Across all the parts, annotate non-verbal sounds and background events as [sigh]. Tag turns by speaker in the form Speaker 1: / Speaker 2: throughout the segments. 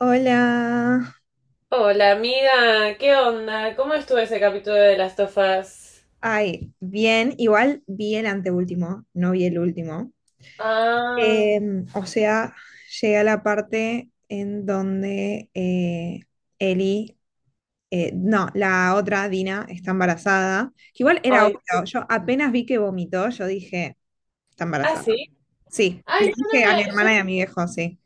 Speaker 1: Hola.
Speaker 2: Hola amiga, ¿qué onda? ¿Cómo estuvo ese capítulo de las tofas?
Speaker 1: Ay, bien, igual vi el anteúltimo, no vi el último.
Speaker 2: Ah,
Speaker 1: O sea, llega la parte en donde Eli, no, la otra Dina está embarazada, que igual era
Speaker 2: ay,
Speaker 1: obvio,
Speaker 2: sí.
Speaker 1: yo apenas vi que vomitó, yo dije, está
Speaker 2: Ah,
Speaker 1: embarazada.
Speaker 2: sí.
Speaker 1: Sí, le
Speaker 2: Ay, yo no
Speaker 1: dije a
Speaker 2: me.
Speaker 1: mi hermana y a mi viejo, sí.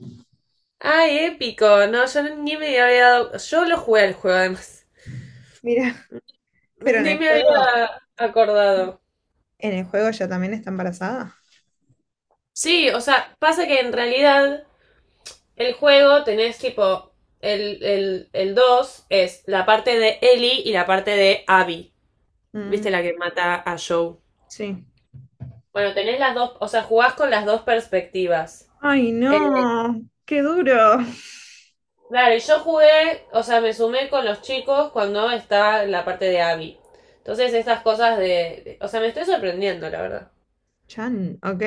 Speaker 2: Ay, épico. No, yo ni me había dado. Yo lo jugué al juego, además.
Speaker 1: Mira, pero en
Speaker 2: Ni
Speaker 1: el
Speaker 2: me
Speaker 1: juego,
Speaker 2: había acordado.
Speaker 1: en el juego ella también está embarazada.
Speaker 2: Sí, o sea, pasa que en realidad el juego tenés tipo. El 2 es la parte de Ellie y la parte de Abby.
Speaker 1: Mm,
Speaker 2: ¿Viste la que mata a Joe?
Speaker 1: sí.
Speaker 2: Bueno, tenés las dos. O sea, jugás con las dos perspectivas.
Speaker 1: Ay, no, qué duro.
Speaker 2: Claro, y yo jugué, o sea, me sumé con los chicos cuando estaba en la parte de Abby. Entonces, estas cosas de, o sea, me estoy sorprendiendo, la verdad.
Speaker 1: Chan, ok.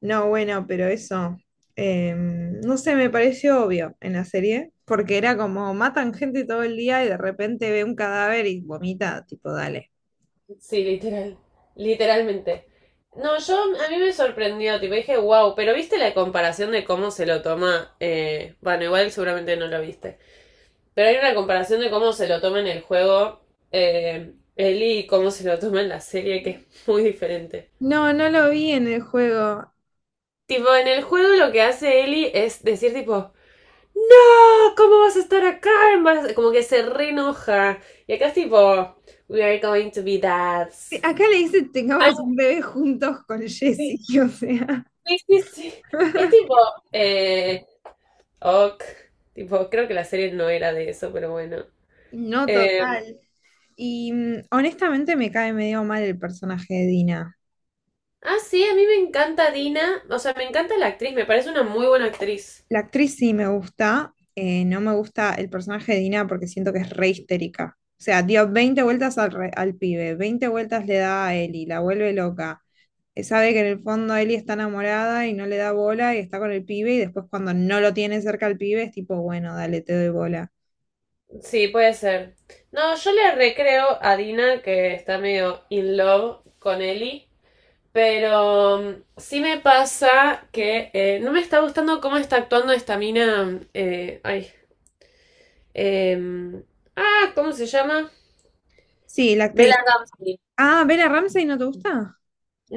Speaker 1: No, bueno, pero eso, no sé, me pareció obvio en la serie, porque era como matan gente todo el día y de repente ve un cadáver y vomita, tipo, dale.
Speaker 2: Sí, literal. Literalmente. No, yo. A mí me sorprendió, tipo, dije, wow. Pero viste la comparación de cómo se lo toma. Bueno, igual seguramente no lo viste. Pero hay una comparación de cómo se lo toma en el juego, Ellie, y cómo se lo toma en la serie, que es muy diferente.
Speaker 1: No, no lo vi en el juego.
Speaker 2: Tipo, en el juego lo que hace Ellie es decir, tipo, no, ¿cómo vas a estar acá? Como que se re enoja. Y acá es tipo, we are going to be dads.
Speaker 1: Acá le dice
Speaker 2: Ay,
Speaker 1: tengamos un bebé juntos con Jesse,
Speaker 2: sí,
Speaker 1: [laughs] o sea,
Speaker 2: sí, sí, sí. Es tipo, eh, ok. Tipo, creo que la serie no era de eso, pero bueno.
Speaker 1: no
Speaker 2: Eh,
Speaker 1: total. Y honestamente me cae medio mal el personaje de Dina.
Speaker 2: ah, sí, a mí me encanta Dina. O sea, me encanta la actriz, me parece una muy buena actriz.
Speaker 1: La actriz sí me gusta, no me gusta el personaje de Dina porque siento que es re histérica. O sea, dio 20 vueltas al pibe, 20 vueltas le da a Eli, la vuelve loca. Sabe que en el fondo Eli está enamorada y no le da bola y está con el pibe y después cuando no lo tiene cerca al pibe es tipo, bueno, dale, te doy bola.
Speaker 2: Sí, puede ser. No, yo le recreo a Dina que está medio in love con Ellie. Pero sí me pasa que no me está gustando cómo está actuando esta mina. Ay. em, ah, ¿cómo se llama?
Speaker 1: Sí, la actriz.
Speaker 2: Bella Ramsey.
Speaker 1: Ah, Bella Ramsey, ¿no te gusta?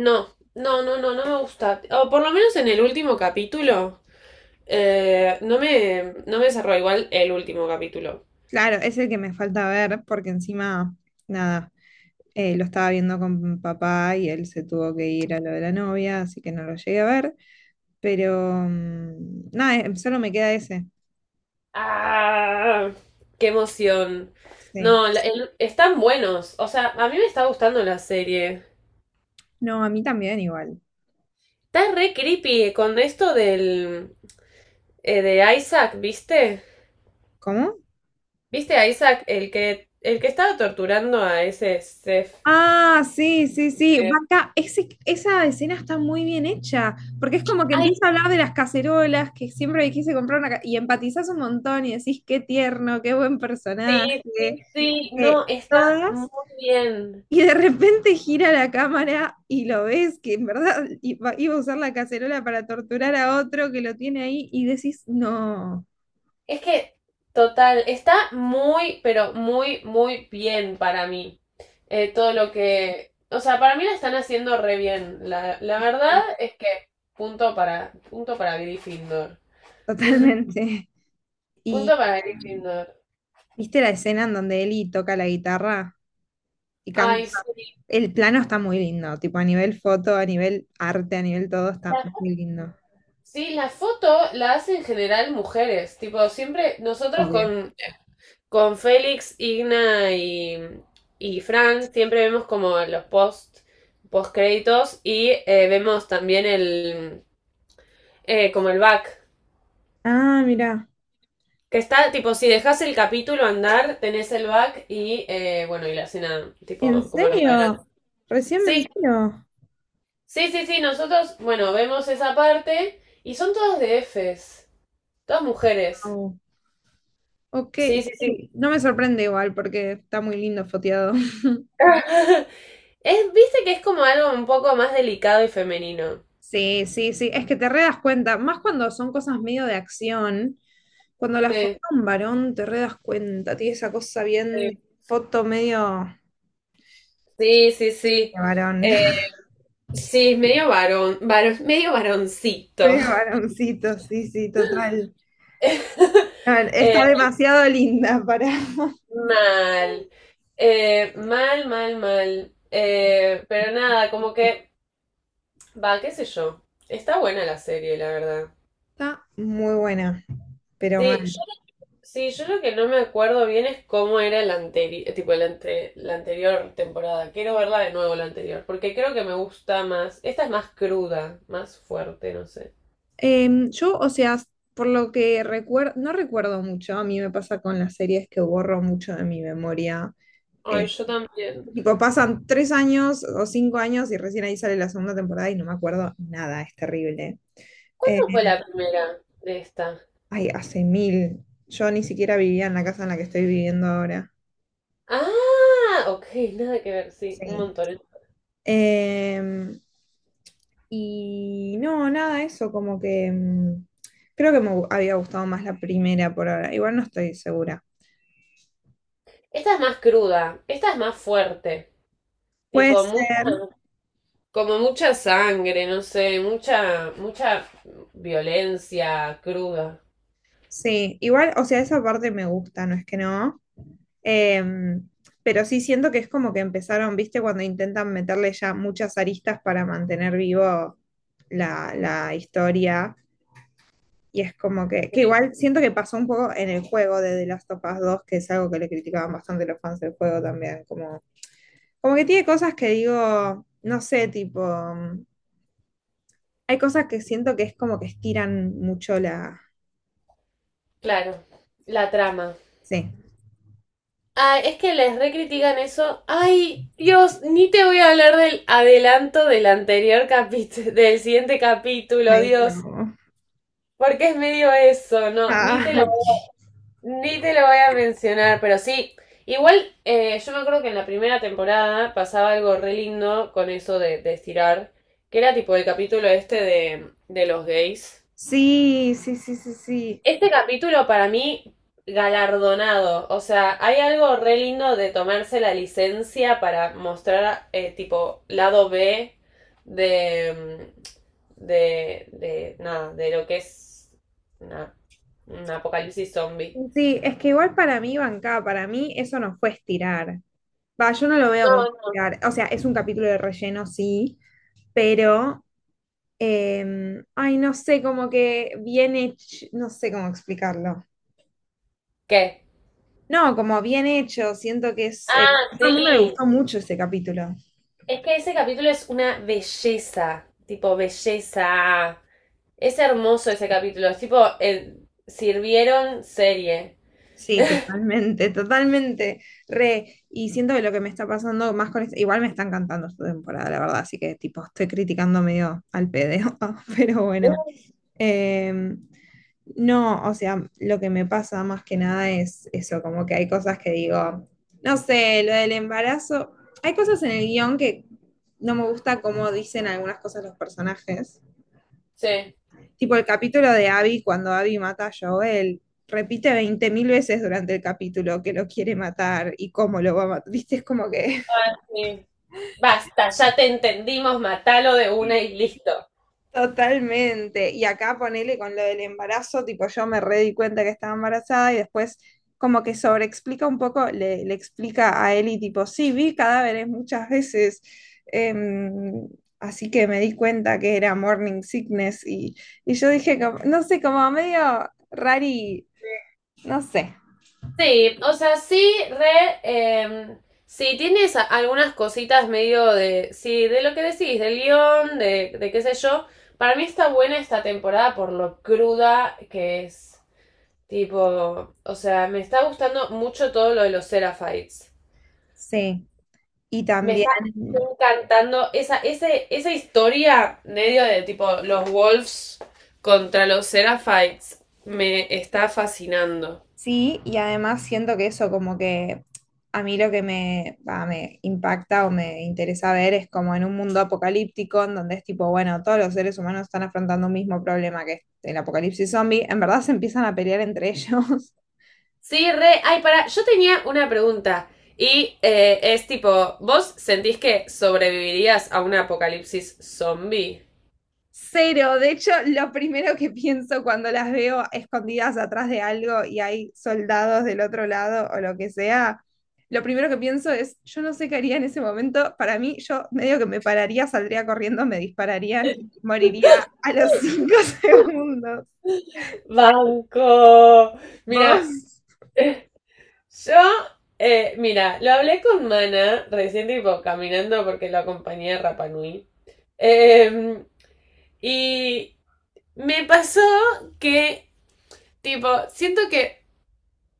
Speaker 2: No, no, no, no, no me gusta. O por lo menos en el último capítulo. No me cerró igual el último capítulo.
Speaker 1: Claro, es el que me falta ver porque encima, nada, lo estaba viendo con papá y él se tuvo que ir a lo de la novia, así que no lo llegué a ver. Pero nada, solo me queda ese.
Speaker 2: ¡Ah! ¡Qué emoción!
Speaker 1: Sí.
Speaker 2: No, están buenos. O sea, a mí me está gustando la serie.
Speaker 1: No, a mí también igual.
Speaker 2: Está re creepy con esto del, de Isaac, ¿viste?
Speaker 1: ¿Cómo?
Speaker 2: ¿Viste a Isaac, el que estaba torturando a ese Seth?
Speaker 1: Ah, sí, sí, sí.
Speaker 2: Eh,
Speaker 1: Vaca, esa escena está muy bien hecha, porque es como que
Speaker 2: Ay,
Speaker 1: empieza a hablar de las cacerolas, que siempre me quise comprar una, y empatizás un montón y decís, qué tierno, qué buen
Speaker 2: sí,
Speaker 1: personaje,
Speaker 2: sí, sí, no, está muy
Speaker 1: todas,
Speaker 2: bien.
Speaker 1: y de repente gira la cámara y lo ves que en verdad iba, iba a usar la cacerola para torturar a otro que lo tiene ahí y decís, no.
Speaker 2: Es que, total, está muy, pero muy, muy bien para mí. Todo lo que... O sea, para mí la están haciendo re bien. La verdad es que punto para Gryffindor.
Speaker 1: Totalmente. [laughs]
Speaker 2: Punto
Speaker 1: Y
Speaker 2: para Gryffindor.
Speaker 1: viste la escena en donde Eli toca la guitarra y canta.
Speaker 2: Ay, sí,
Speaker 1: El plano está muy lindo, tipo a nivel foto, a nivel arte, a nivel todo está muy lindo.
Speaker 2: sí, la foto la hacen en general mujeres. Tipo, siempre nosotros
Speaker 1: Obvio.
Speaker 2: con, Félix, Igna y Frank siempre vemos como los post créditos y vemos también el como el back.
Speaker 1: Ah, mira.
Speaker 2: Que está, tipo, si dejas el capítulo andar, tenés el back y bueno, y la escena,
Speaker 1: ¿En
Speaker 2: tipo, como los adelantos.
Speaker 1: serio? Recién me
Speaker 2: Sí,
Speaker 1: entero.
Speaker 2: sí, sí, sí, nosotros, bueno, vemos esa parte y son todas de Fs, todas mujeres.
Speaker 1: Wow. Ok,
Speaker 2: Sí, sí, sí.
Speaker 1: sí, no me sorprende igual porque está muy lindo foteado.
Speaker 2: [laughs] Es, viste que es como algo un poco más delicado y femenino.
Speaker 1: Sí, sí, sí, es que te re das cuenta, más cuando son cosas medio de acción, cuando las foto
Speaker 2: Sí,
Speaker 1: un varón te re das cuenta, tiene esa cosa bien
Speaker 2: sí.
Speaker 1: de foto medio
Speaker 2: Sí, sí, sí.
Speaker 1: de varón,
Speaker 2: Eh,
Speaker 1: [laughs]
Speaker 2: sí, es medio varón, medio varoncito.
Speaker 1: medio varoncito, sí, sí, total.
Speaker 2: [laughs]
Speaker 1: A ver,
Speaker 2: Eh,
Speaker 1: está demasiado linda para. [laughs]
Speaker 2: mal. Mal, mal, mal. Pero nada, como que, va, qué sé yo. Está buena la serie, la verdad.
Speaker 1: Está muy buena, pero
Speaker 2: Sí,
Speaker 1: mal.
Speaker 2: yo Sí, yo lo que no me acuerdo bien es cómo era el anterior, tipo la anterior temporada. Quiero verla de nuevo la anterior, porque creo que me gusta más. Esta es más cruda, más fuerte, no sé.
Speaker 1: Yo, o sea, por lo que recuerdo, no recuerdo mucho, a mí me pasa con las series que borro mucho de mi memoria.
Speaker 2: Ay,
Speaker 1: eh,
Speaker 2: yo también.
Speaker 1: Tipo, pasan 3 años o 5 años y recién ahí sale la segunda temporada y no me acuerdo nada, es terrible. Eh,
Speaker 2: ¿Cuándo fue la primera de esta?
Speaker 1: ay, hace mil. Yo ni siquiera vivía en la casa en la que estoy viviendo ahora.
Speaker 2: Ah, ok, nada que ver, sí, un
Speaker 1: Sí.
Speaker 2: montón.
Speaker 1: Em, y no, nada, eso, como que creo que había gustado más la primera por ahora. Igual no estoy segura.
Speaker 2: Esta es más cruda, esta es más fuerte.
Speaker 1: Puede
Speaker 2: Tipo, mucha,
Speaker 1: ser,
Speaker 2: como mucha sangre, no sé, mucha violencia cruda.
Speaker 1: sí. Igual, o sea, esa parte me gusta, no es que no. Eh, pero sí siento que es como que empezaron, viste, cuando intentan meterle ya muchas aristas para mantener vivo la historia. Y es como que igual siento que pasó un poco en el juego de The Last of Us 2 que es algo que le criticaban bastante los fans del juego también. Como que tiene cosas que digo, no sé, tipo, hay cosas que siento que es como que estiran mucho la.
Speaker 2: Claro, la trama.
Speaker 1: Sí.
Speaker 2: Ay, es que les recritican eso. Ay, Dios, ni te voy a hablar del adelanto del anterior capítulo, [laughs] del siguiente capítulo,
Speaker 1: Ay,
Speaker 2: Dios.
Speaker 1: no.
Speaker 2: Porque es medio eso, no, ni
Speaker 1: Ah,
Speaker 2: te lo,
Speaker 1: ok.
Speaker 2: ni te lo voy a mencionar, pero sí. Igual, yo me acuerdo que en la primera temporada pasaba algo re lindo con eso de estirar, que era tipo el capítulo este de los gays.
Speaker 1: Sí, sí, sí, sí, sí.
Speaker 2: Este capítulo para mí galardonado, o sea, hay algo re lindo de tomarse la licencia para mostrar tipo lado B de, de nada, de lo que es una, un apocalipsis zombie.
Speaker 1: Sí, es que igual para mí, Banca, para mí eso no fue estirar. Va, yo no lo veo como
Speaker 2: No, no.
Speaker 1: estirar. O sea, es un capítulo de relleno, sí, pero, ay, no sé, como que bien hecho, no sé cómo explicarlo.
Speaker 2: ¿Qué?
Speaker 1: No, como bien hecho, siento que es
Speaker 2: Ah,
Speaker 1: a todo el mundo le
Speaker 2: sí.
Speaker 1: gustó mucho ese capítulo.
Speaker 2: Es que ese capítulo es una belleza, tipo belleza. Es hermoso ese capítulo, es tipo el sirvieron serie.
Speaker 1: Sí, totalmente, totalmente, re. Y siento que lo que me está pasando más con esto, igual me está encantando esta temporada, la verdad, así que tipo, estoy criticando medio al pedo, [laughs] pero bueno. Em, No, o sea, lo que me pasa más que nada es eso, como que hay cosas que digo, no sé, lo del embarazo, hay cosas en el guión que no me gusta cómo dicen algunas cosas los personajes,
Speaker 2: Sí.
Speaker 1: tipo el capítulo de Abby cuando Abby mata a Joel, repite 20.000 veces durante el capítulo que lo quiere matar y cómo lo va a matar, viste, es como que
Speaker 2: Ah, sí. Basta, ya te entendimos, matalo de una y listo.
Speaker 1: totalmente. Y acá ponele con lo del embarazo, tipo yo me re di cuenta que estaba embarazada y después como que sobreexplica un poco, le explica a Eli tipo, sí, vi cadáveres muchas veces, em, así que me di cuenta que era morning sickness y yo dije, no sé, como medio rari, no sé.
Speaker 2: Sí, o sea, sí, re. em, sí, tienes algunas cositas medio de. Sí, de lo que decís, del guión, de qué sé yo. Para mí está buena esta temporada por lo cruda que es. Tipo, o sea, me está gustando mucho todo lo de los Seraphites.
Speaker 1: Sí. Y
Speaker 2: Me
Speaker 1: también,
Speaker 2: está encantando esa, ese, esa historia medio de tipo los Wolves contra los Seraphites. Me está fascinando.
Speaker 1: sí, y además siento que eso como que a mí lo que me, va, me impacta o me interesa ver es como en un mundo apocalíptico en donde es tipo, bueno, todos los seres humanos están afrontando un mismo problema que es el apocalipsis zombie, en verdad se empiezan a pelear entre [laughs] ellos.
Speaker 2: Sí, re. Ay, para. Yo tenía una pregunta. Y es tipo, ¿vos sentís que sobrevivirías a un apocalipsis zombie?
Speaker 1: Cero, de hecho, lo primero que pienso cuando las veo escondidas atrás de algo y hay soldados del otro lado o lo que sea, lo primero que pienso es, yo no sé qué haría en ese momento, para mí yo medio que me pararía, saldría corriendo, me dispararían y moriría a los 5 [laughs] segundos.
Speaker 2: Banco. Mira,
Speaker 1: ¿Vos?
Speaker 2: [laughs] yo, mira, lo hablé con Mana recién tipo caminando porque lo acompañé a Rapanui. Y me pasó que, tipo, siento que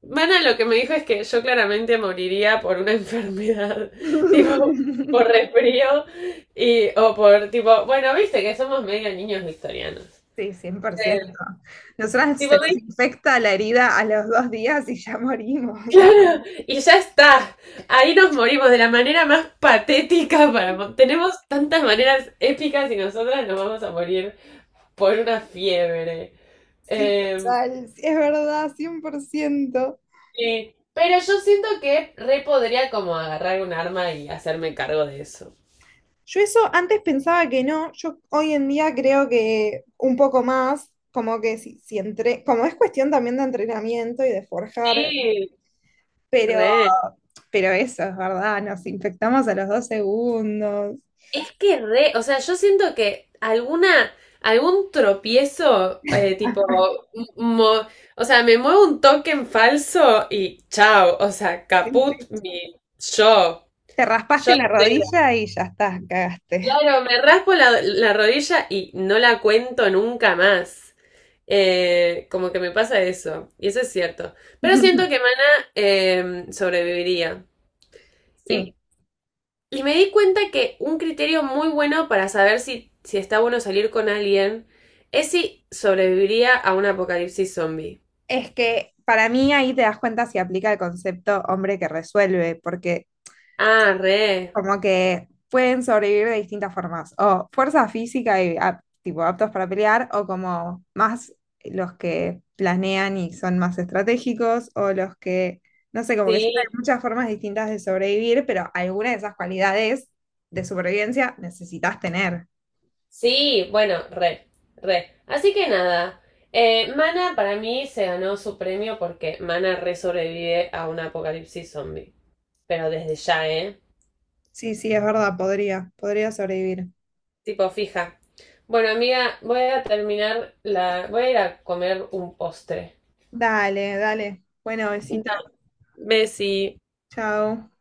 Speaker 2: Mana lo que me dijo es que yo claramente moriría por una enfermedad, [laughs] tipo, por
Speaker 1: [laughs]
Speaker 2: resfrío y, o por, tipo, bueno, viste que somos medio niños victorianos.
Speaker 1: Sí, cien por
Speaker 2: Eh,
Speaker 1: ciento Nosotras se
Speaker 2: tipo, me
Speaker 1: nos
Speaker 2: dijo,
Speaker 1: infecta la herida a los 2 días y ya morimos.
Speaker 2: claro, y ya está, ahí nos morimos de la manera más patética para... Tenemos tantas maneras épicas y nosotras nos vamos a morir por una fiebre.
Speaker 1: Sí,
Speaker 2: Em,
Speaker 1: total, sí, es verdad, 100%.
Speaker 2: Sí, pero yo siento que re podría como agarrar un arma y hacerme cargo de eso.
Speaker 1: Yo eso antes pensaba que no, yo hoy en día creo que un poco más, como que si, si entre, como es cuestión también de entrenamiento y de forjar,
Speaker 2: Sí,
Speaker 1: pero,
Speaker 2: re.
Speaker 1: pero eso es verdad, nos infectamos a los 2 segundos.
Speaker 2: Es que re, o sea, yo siento que alguna, algún tropiezo, tipo, mo- o sea, me muevo un token falso y chao, o sea,
Speaker 1: Sí,
Speaker 2: caput
Speaker 1: sí.
Speaker 2: mi yo,
Speaker 1: Te
Speaker 2: yo
Speaker 1: raspaste la
Speaker 2: entera.
Speaker 1: rodilla y ya está, cagaste.
Speaker 2: Claro, me raspo la rodilla y no la cuento nunca más. Como que me pasa eso, y eso es cierto. Pero siento que
Speaker 1: [laughs]
Speaker 2: Mana sobreviviría. Y,
Speaker 1: Sí,
Speaker 2: y me di cuenta que un criterio muy bueno para saber si está bueno salir con alguien es si sobreviviría a un apocalipsis zombie.
Speaker 1: es que para mí ahí te das cuenta si aplica el concepto hombre que resuelve, porque
Speaker 2: Ah, re.
Speaker 1: como que pueden sobrevivir de distintas formas, o fuerza física y ap- tipo aptos para pelear, o como más los que planean y son más estratégicos, o los que, no sé, como que
Speaker 2: Sí,
Speaker 1: siempre hay muchas formas distintas de sobrevivir, pero alguna de esas cualidades de supervivencia necesitas tener.
Speaker 2: sí, bueno, re, re. Así que nada, Mana para mí se ganó su premio porque Mana re sobrevive a un apocalipsis zombie. Pero desde ya, ¿eh?
Speaker 1: Sí, sí, es verdad, podría, podría sobrevivir.
Speaker 2: Tipo, fija. Bueno, amiga, voy a terminar la. Voy a ir a comer un postre.
Speaker 1: Dale, dale. Bueno, besito.
Speaker 2: Dale. Bessie.
Speaker 1: Chao.